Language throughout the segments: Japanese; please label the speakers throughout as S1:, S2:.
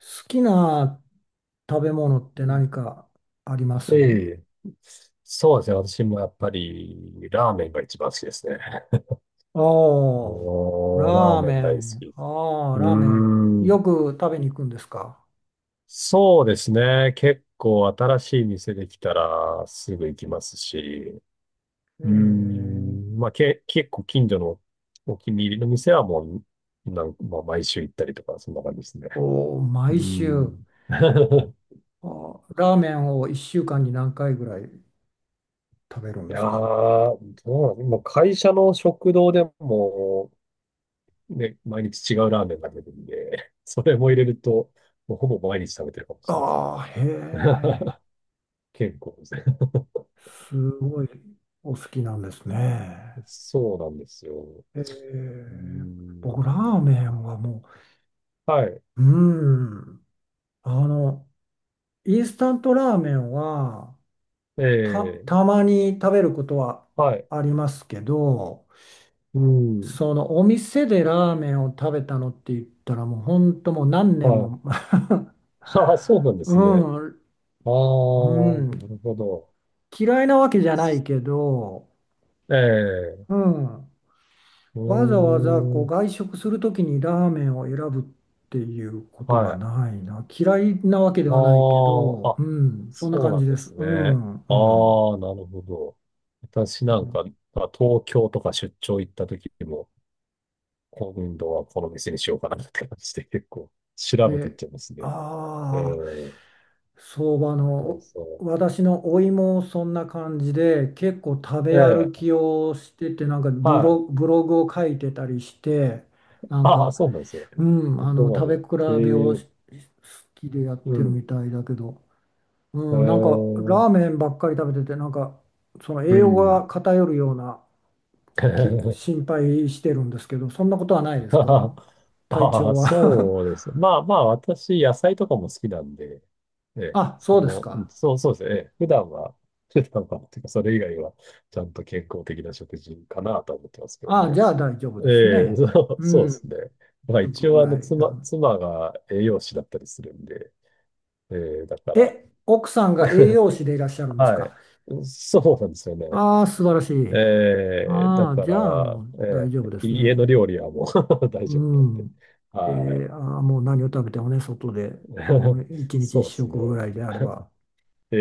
S1: 好きな食べ物っ
S2: う
S1: て
S2: ん、
S1: 何かあります？
S2: ええ。そうですね。私もやっぱり、ラーメンが一番好きですね。
S1: ああー、
S2: もう、ラー
S1: ラー
S2: メ
S1: メ
S2: ン大好
S1: ン。
S2: き。
S1: ああ、
S2: う
S1: ラーメン。
S2: ーん。
S1: よく食べに行くんですか？
S2: そうですね。結構新しい店できたらすぐ行きますし。
S1: え
S2: うー
S1: え。
S2: ん。まあ、結構近所のお気に入りの店はもう、まあ、毎週行ったりとか、そんな感じですね。
S1: おー、
S2: うー
S1: 毎週。
S2: ん。
S1: あー、ラーメンを1週間に何回ぐらい食べるん
S2: い
S1: で
S2: やー、
S1: すか？
S2: どうなの今、会社の食堂でも、ね、毎日違うラーメンが出てるんで それも入れると、もうほぼ毎日食べてるかもしれないですね。
S1: ああ、へ え。
S2: 健康ですね。
S1: すごいお好きなんですね。
S2: そうなんですよ。
S1: え
S2: うー
S1: え。僕、ラーメ
S2: ん。
S1: ンはも
S2: はい。
S1: う、うん。あの、インスタントラーメンはた、
S2: ええ、
S1: たまに食べることは
S2: はい。
S1: ありますけど、
S2: うん。
S1: そのお店でラーメンを食べたのって言ったらもう本当もう何年
S2: はい。
S1: も
S2: ああ、そうなんで
S1: う
S2: すね。
S1: ん、
S2: ああ、
S1: う
S2: な
S1: ん、
S2: るほど。
S1: 嫌いなわけじゃないけど、
S2: え
S1: う
S2: え、
S1: ん、
S2: う
S1: わざわざこ
S2: ー
S1: う
S2: ん。
S1: 外食するときにラーメンを選ぶっていうこと
S2: は
S1: が
S2: い。
S1: ないな。嫌いなわけで
S2: あ
S1: はないけ
S2: あ、
S1: ど、う
S2: あ、
S1: ん、そんな
S2: そう
S1: 感
S2: な
S1: じ
S2: ん
S1: で
S2: で
S1: す。
S2: す
S1: う
S2: ね。あ
S1: ん、うん。
S2: あ、なるほど。私
S1: う
S2: なん
S1: ん、
S2: か、まあ東京とか出張行った時も、今度はこの店にしようかなって感じで結構調べていっ
S1: で、
S2: ちゃいますね。え
S1: ああ、
S2: え、
S1: 相場
S2: そう
S1: の、
S2: そ
S1: お、私のおいもそんな感じで、結構食べ
S2: う。
S1: 歩
S2: ええ、
S1: きをしてて、なんかブ
S2: は
S1: ロ、
S2: い。
S1: ブログを書いてたりして、なん
S2: ああ、
S1: か、
S2: そうなんですよ。
S1: うん、
S2: そ
S1: あの、
S2: こま
S1: 食べ比
S2: で。
S1: べ
S2: え
S1: を
S2: え、
S1: し好きでやっ
S2: う
S1: てる
S2: ん。
S1: みたいだけど、うん、なんかラー
S2: ええ、
S1: メンばっかり食べてて、なんか、その
S2: う
S1: 栄養
S2: ん。
S1: が偏るような、心 配してるんですけど、そんなことはないですか？体
S2: ああ、
S1: 調は。
S2: そうです。まあまあ、私、野菜とかも好きなんで、え え、
S1: あ、そ
S2: そ
S1: うです
S2: の、う
S1: か。
S2: ん、そうですね。ええ、普段は、普段は、てか、それ以外は、ちゃんと健康的な食事かなとは思ってますけど
S1: ああ、じ
S2: ね。
S1: ゃあ大丈夫です
S2: ええ、そ
S1: ね。
S2: う
S1: う
S2: そうです
S1: ん、
S2: ね。まあ一
S1: 食ぐ
S2: 応あ
S1: ら
S2: の
S1: い
S2: 妻、
S1: な。
S2: 妻が栄養士だったりするんで、ええ、だから、
S1: え、奥さんが栄養士でいらっしゃるんです
S2: は
S1: か？
S2: い。そうなんですよね。
S1: ああ、素晴らしい。
S2: ええ、だ
S1: ああ、
S2: か
S1: じゃあ
S2: ら、
S1: もう
S2: え
S1: 大丈夫
S2: え、
S1: です
S2: 家の
S1: ね。
S2: 料理はもう 大
S1: う
S2: 丈夫なんで。
S1: ん。
S2: はい。
S1: ああ、もう何を食べてもね、外で、う ん、一日
S2: そ
S1: 一
S2: うですね。
S1: 食ぐらいであれば。
S2: え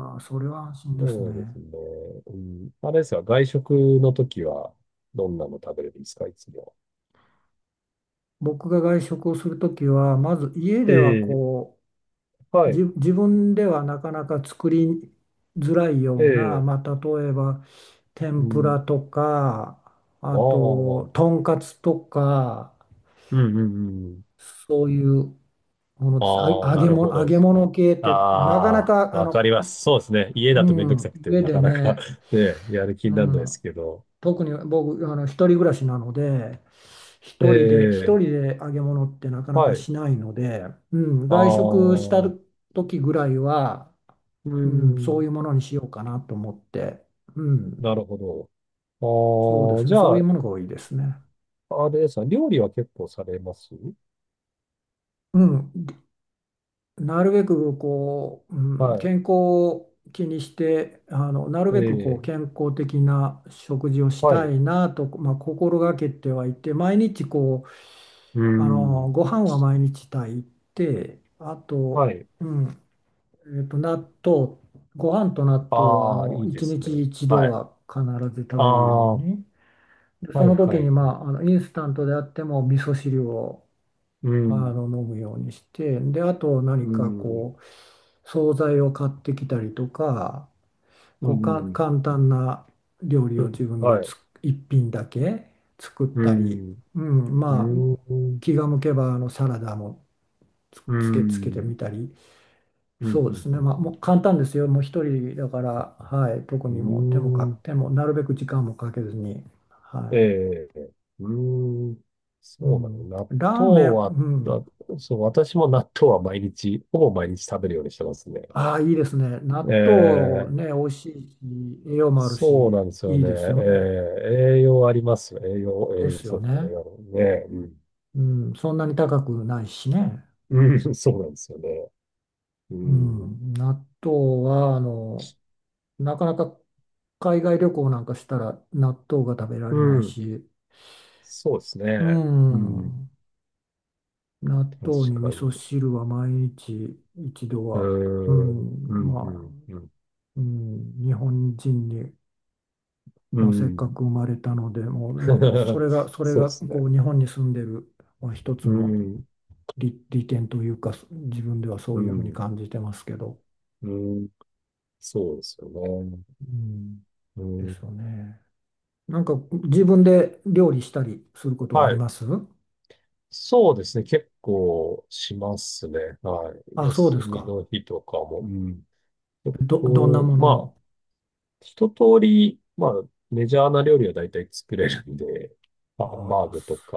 S2: え、
S1: あ、それは安心です
S2: そうで
S1: ね。
S2: すね。うん、あれですか、外食の時はどんなの食べれるんですか、いつも。
S1: 僕が外食をするときは、まず家
S2: え
S1: では
S2: え、
S1: こ
S2: は
S1: う、じ
S2: い。
S1: 自分ではなかなか作りづらい
S2: え
S1: ような、
S2: え、
S1: まあ、例えば、
S2: う
S1: 天ぷら
S2: ん。
S1: とか、
S2: あ
S1: あ
S2: あ、
S1: と、とんかつとか、
S2: うん。
S1: そういうものです。あ、
S2: ああ、
S1: 揚
S2: な
S1: げ
S2: るほ
S1: 物、揚
S2: ど。
S1: げ物系って、なかな
S2: あ
S1: か、
S2: あ、
S1: あ
S2: わか
S1: の、
S2: ります。そうですね。家だ
S1: う
S2: とめんどくさ
S1: ん、
S2: くて、
S1: 家
S2: な
S1: で
S2: かなか
S1: ね、
S2: ね、やる気に
S1: う
S2: ならないです
S1: ん、
S2: けど。
S1: 特に僕、あの、一人暮らしなので、
S2: え
S1: 一人で、一人
S2: え、
S1: で揚げ物ってなかな
S2: は
S1: か
S2: い。
S1: しないので、うん、
S2: ああ、
S1: 外食した
S2: う
S1: 時ぐらいは、
S2: ー
S1: うん、そうい
S2: ん、
S1: うものにしようかなと思って、う
S2: な
S1: ん、
S2: るほど。
S1: そうで
S2: ああ、
S1: すね、
S2: じ
S1: そ
S2: ゃ
S1: ういう
S2: あ、
S1: ものが多いですね。
S2: あれですか、料理は結構されます？
S1: うん、なるべくこう、うん、健
S2: は
S1: 康を気にして、あのなる
S2: い。え
S1: べくこう
S2: え、
S1: 健康的な食事をし
S2: はい。
S1: た
S2: う
S1: いなと、まあ、心がけてはいて、毎日こう
S2: ー
S1: あの
S2: ん、
S1: ご飯は毎日炊いてあと、
S2: はい。
S1: うん、納豆ご飯と納豆はあ
S2: ああ、
S1: の
S2: いいで
S1: 1
S2: すね。
S1: 日1度
S2: はい。
S1: は必ず食
S2: あ
S1: べるよう
S2: あ、は
S1: に、でそ
S2: い
S1: の時
S2: は
S1: に、
S2: い。
S1: まあ、あのインスタントであっても味噌汁を
S2: う
S1: あの
S2: ん、
S1: 飲むようにして、で、あと
S2: う
S1: 何か
S2: ん、
S1: こう、惣菜を買ってきたりとか、
S2: う
S1: こうか
S2: ん、
S1: 簡単な料理
S2: う
S1: を
S2: ん、
S1: 自分で
S2: はい。
S1: 一品だけ作っ
S2: う
S1: たり、
S2: ん、
S1: うん、
S2: う
S1: まあ、
S2: ーん。
S1: 気が向けばあのサラダもつ、
S2: うー
S1: つけて
S2: ん。
S1: みたり、
S2: うん、
S1: そう
S2: う
S1: です
S2: ん、
S1: ね、
S2: うん、
S1: まあも
S2: う
S1: う簡単ですよ、もう一人だから、はい、特にもう手もか、
S2: ん。うーん。
S1: 手もなるべく時間もかけずに、は
S2: ええ、うーん。
S1: い、う
S2: そうなの。
S1: ん、
S2: 納
S1: ラーメ
S2: 豆
S1: ン、
S2: は、
S1: うん、
S2: あそう、私も納豆は毎日、ほぼ毎日食べるようにしてますね。
S1: ああ、いいですね。納豆
S2: ええ、
S1: ね、美味しいし、栄養もある
S2: そう
S1: し、
S2: なんですよ
S1: いい
S2: ね。え
S1: ですよね。
S2: え、栄養ありますよ。栄養、栄
S1: で
S2: 養、
S1: す
S2: そ
S1: よ
S2: うですね。栄
S1: ね。
S2: 養ね。
S1: うん、そんなに高くないしね。
S2: うん。うん、そうなんですよね。う
S1: う
S2: ん。
S1: ん、納豆は、あの、なかなか海外旅行なんかしたら納豆が食べら
S2: う
S1: れない
S2: ん。
S1: し、
S2: そうです
S1: う
S2: ね。うん。
S1: ん、納
S2: 確
S1: 豆に
S2: か
S1: 味噌
S2: に。
S1: 汁は毎日一度
S2: うー
S1: は、う
S2: ん。う
S1: ん、
S2: ん、う
S1: まあ、
S2: ん、うん。
S1: うん、日本人に、
S2: う
S1: まあ、せっか
S2: ん。
S1: く生まれたので、もう、まあ、そ れが、それ
S2: そうで
S1: が
S2: すね。
S1: こう日本に住んでる、まあ、一つ
S2: う
S1: の
S2: ん、
S1: 利点というか、自分ではそ
S2: う
S1: ういうふうに
S2: ん、
S1: 感じてますけど、
S2: うん、そうですよね。
S1: うん、
S2: う
S1: で
S2: ん、
S1: すよね。なんか自分で料理したりすることはあ
S2: は
S1: り
S2: い。
S1: ます？
S2: そうですね。結構しますね。はい。
S1: あ、そうで
S2: 休
S1: す
S2: み
S1: か。
S2: の日とかも。うん。結
S1: どんな
S2: 構、
S1: もの
S2: まあ、
S1: を。
S2: 一通り、まあ、メジャーな料理は大体作れるんで、
S1: あ
S2: ハンバー
S1: あ、
S2: グとか、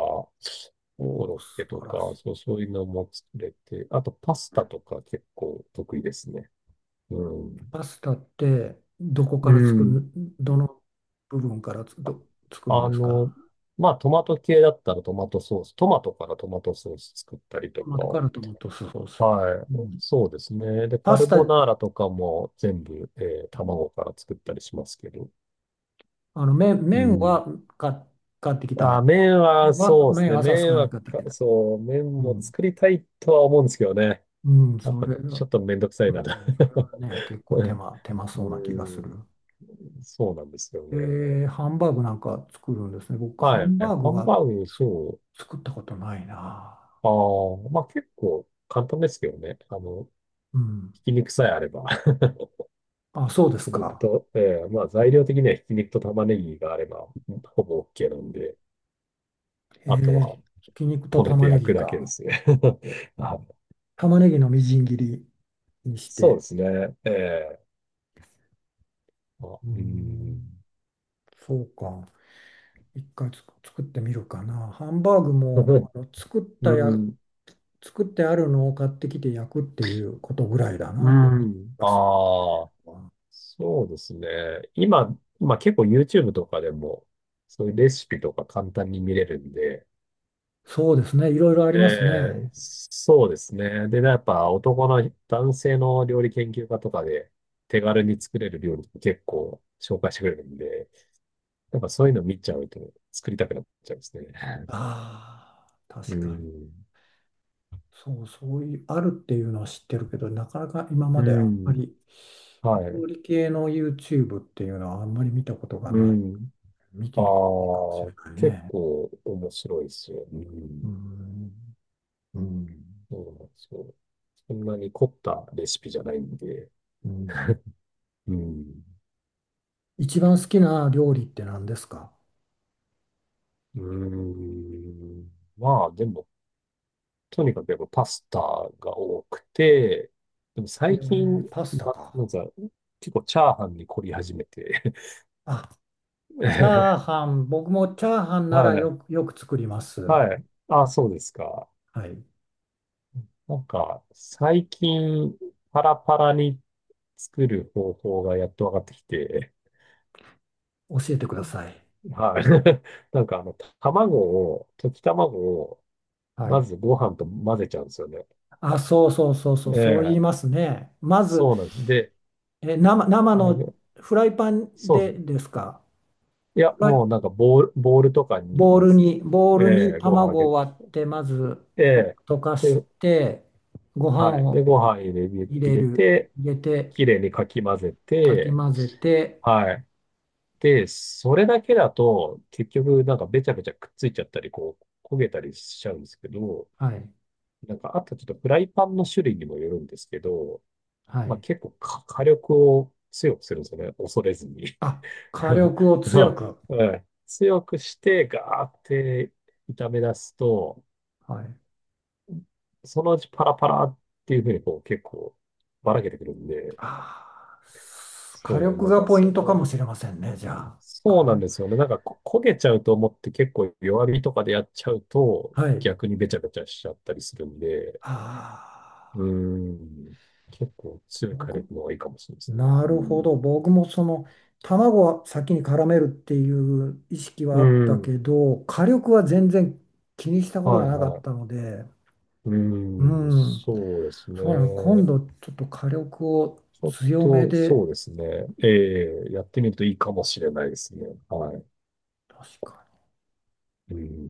S2: コロッ
S1: 素
S2: ケと
S1: 晴ら
S2: か、
S1: し
S2: そう、そういうのも作れて、あとパスタとか結構得意ですね。う
S1: い。
S2: ん。
S1: パスタってどこか
S2: う
S1: ら作
S2: ん。
S1: る、どの部分から作るん
S2: あ
S1: ですか？
S2: の、まあ、トマト系だったらトマトソース、トマトからトマトソース作ったり
S1: ト
S2: と
S1: マトからトマトソース。
S2: か、はい、
S1: うん、
S2: そうですね。で、
S1: パ
S2: カ
S1: ス
S2: ルボ
S1: タ、
S2: ナーラとかも全部、卵から作ったりしますけど。
S1: あの麺、
S2: う
S1: 麺
S2: ん。
S1: は買っ、買ってきた麺
S2: あ、麺は
S1: は、
S2: そうです
S1: 麺
S2: ね。
S1: はさす
S2: 麺
S1: がに
S2: は
S1: 買ってき
S2: か、
S1: た。
S2: そう、麺
S1: う
S2: も
S1: ん。
S2: 作りたいとは思うんですけどね。
S1: うん、
S2: やっ
S1: そ
S2: ぱ
S1: れ
S2: ちょ
S1: は、
S2: っとめんどくさ
S1: う
S2: いなと。
S1: ん、それ はね、結構手間そうな
S2: う
S1: 気がする。
S2: ん、そうなんですよ
S1: え
S2: ね。
S1: ハンバーグなんか作るんですね。僕、ハ
S2: はい。
S1: ンバーグ
S2: ハン
S1: は
S2: バーグにしよ
S1: 作ったことないな。
S2: う。ああ、まあ結構簡単ですけどね。あの、
S1: うん。
S2: ひき肉さえあれば、
S1: あ、そうです
S2: ひき肉
S1: か。
S2: と、ええ、まあ材料的にはひき肉と玉ねぎがあれば、ほぼ OK なんで、
S1: え
S2: あと
S1: ー、
S2: は
S1: ひき肉と
S2: こねて
S1: 玉ね
S2: 焼
S1: ぎ
S2: くだけで
S1: か。
S2: すね。あ、
S1: 玉ねぎのみじん切りにし
S2: そうで
S1: て。
S2: すね。ええ、あ、
S1: うー
S2: うん。
S1: ん、そうか。一回作ってみるかな。ハンバーグもあ の作っ
S2: う
S1: たや、
S2: ん。
S1: 作ってあるのを買ってきて焼くっていうことぐらいだ
S2: う
S1: な。
S2: ん。ああ、そうですね。今、まあ結構 YouTube とかでも、そういうレシピとか簡単に見れるんで、
S1: そうですね。いろいろあり
S2: え
S1: ます
S2: え、
S1: ね。
S2: そうですね。で、やっぱ男性の料理研究家とかで手軽に作れる料理って結構紹介してくれるんで、やっぱそういうの見ちゃうと作りたくなっちゃうんですね。
S1: ああ、
S2: う
S1: 確かに。
S2: ん。
S1: そう、そういう、あるっていうのは知ってるけど、なかなか今まであ
S2: う
S1: んま
S2: ん。
S1: り
S2: は
S1: 料
S2: い。
S1: 理系の YouTube っていうのはあんまり見たことが
S2: う
S1: ない。
S2: ん。
S1: 見て
S2: あ
S1: みてもいいかもしれ
S2: あ、
S1: ない
S2: 結
S1: ね。
S2: 構面白いですよ。う
S1: う
S2: ん。
S1: ん、うん、
S2: そうなんですよ。そんなに凝ったレシピじゃないんで。
S1: うん。
S2: うん。
S1: 一番好きな料理って何ですか？
S2: うん。まあ、でも、とにかくやっぱパスタが多くて、でも
S1: え
S2: 最
S1: ー、
S2: 近、
S1: パスタ
S2: ま、
S1: か。
S2: なんか、結構チャーハンに凝り始めて
S1: あ、チャー
S2: ええ、
S1: ハン、僕もチャーハンなら
S2: はい。
S1: よく作ります。
S2: はい。あ、そうですか。
S1: はい。
S2: なんか、最近、パラパラに作る方法がやっと分かってきて、
S1: 教えてください。
S2: はい。なんかあの、卵溶き卵を、
S1: は
S2: ま
S1: い。
S2: ずご飯と混ぜちゃうんですよね。
S1: あ、そうそうそうそう、
S2: え
S1: そう言い
S2: え、
S1: ますね。まず、
S2: そうなんです。で、
S1: えー生、生
S2: あ
S1: の
S2: れ、
S1: フライパン
S2: そう
S1: で
S2: です。
S1: ですか。
S2: いや、
S1: フライ、
S2: もうなんかボールとかに
S1: ボウ
S2: ま
S1: ル
S2: ず、
S1: に、ボウル
S2: え
S1: に
S2: え、ご飯あ
S1: 卵
S2: げ
S1: を
S2: て、
S1: 割って、まず
S2: え
S1: と
S2: え、
S1: 溶かし
S2: で、
S1: て、ご飯
S2: はい。で、
S1: を
S2: ご飯入れ、
S1: 入
S2: 入
S1: れ
S2: れ
S1: る、
S2: て、
S1: 入れて、
S2: きれいにかき混ぜ
S1: かき
S2: て、
S1: 混ぜて、
S2: はい。で、それだけだと、結局なんかべちゃべちゃくっついちゃったり、こう、焦げたりしちゃうんですけど、
S1: はい。
S2: なんかあとちょっとフライパンの種類にもよるんですけど、
S1: は
S2: まあ
S1: い。
S2: 結構火力を強くするんですよね。恐れずに。
S1: あ、火 力を強
S2: まあ、
S1: く。
S2: うん、強くして、ガーって炒め出すと、
S1: はい、
S2: そのうちパラパラっていうふうにこう結構ばらけてくるんで、
S1: 火
S2: そう、
S1: 力
S2: なん
S1: が
S2: か
S1: ポイ
S2: そ
S1: ントか
S2: の、
S1: もしれませんね、じゃあ。
S2: そう
S1: 火
S2: なん
S1: 力、
S2: ですよね。なんか焦げちゃうと思って結構弱火とかでやっちゃうと
S1: はい。
S2: 逆にべちゃべちゃしちゃったりするんで、
S1: あ
S2: うー
S1: あ、
S2: ん、結構強い火
S1: 僕、
S2: 力の方がいいかもしれないですね。
S1: な
S2: う
S1: るほ
S2: ん。
S1: ど。僕もその、卵は先に絡めるっていう意識は
S2: う
S1: あったけ
S2: ん。
S1: ど、火力は全然気にしたこと
S2: は
S1: が
S2: い
S1: なか
S2: は
S1: った
S2: い。
S1: ので、
S2: う
S1: う
S2: ん、
S1: ん、
S2: そうです
S1: そうなの、今
S2: ね。
S1: 度ちょっと火力を
S2: ちょっ
S1: 強め
S2: と、
S1: で、
S2: そうですね。ええ、やってみるといいかもしれないですね。はい。
S1: 確かに。
S2: うん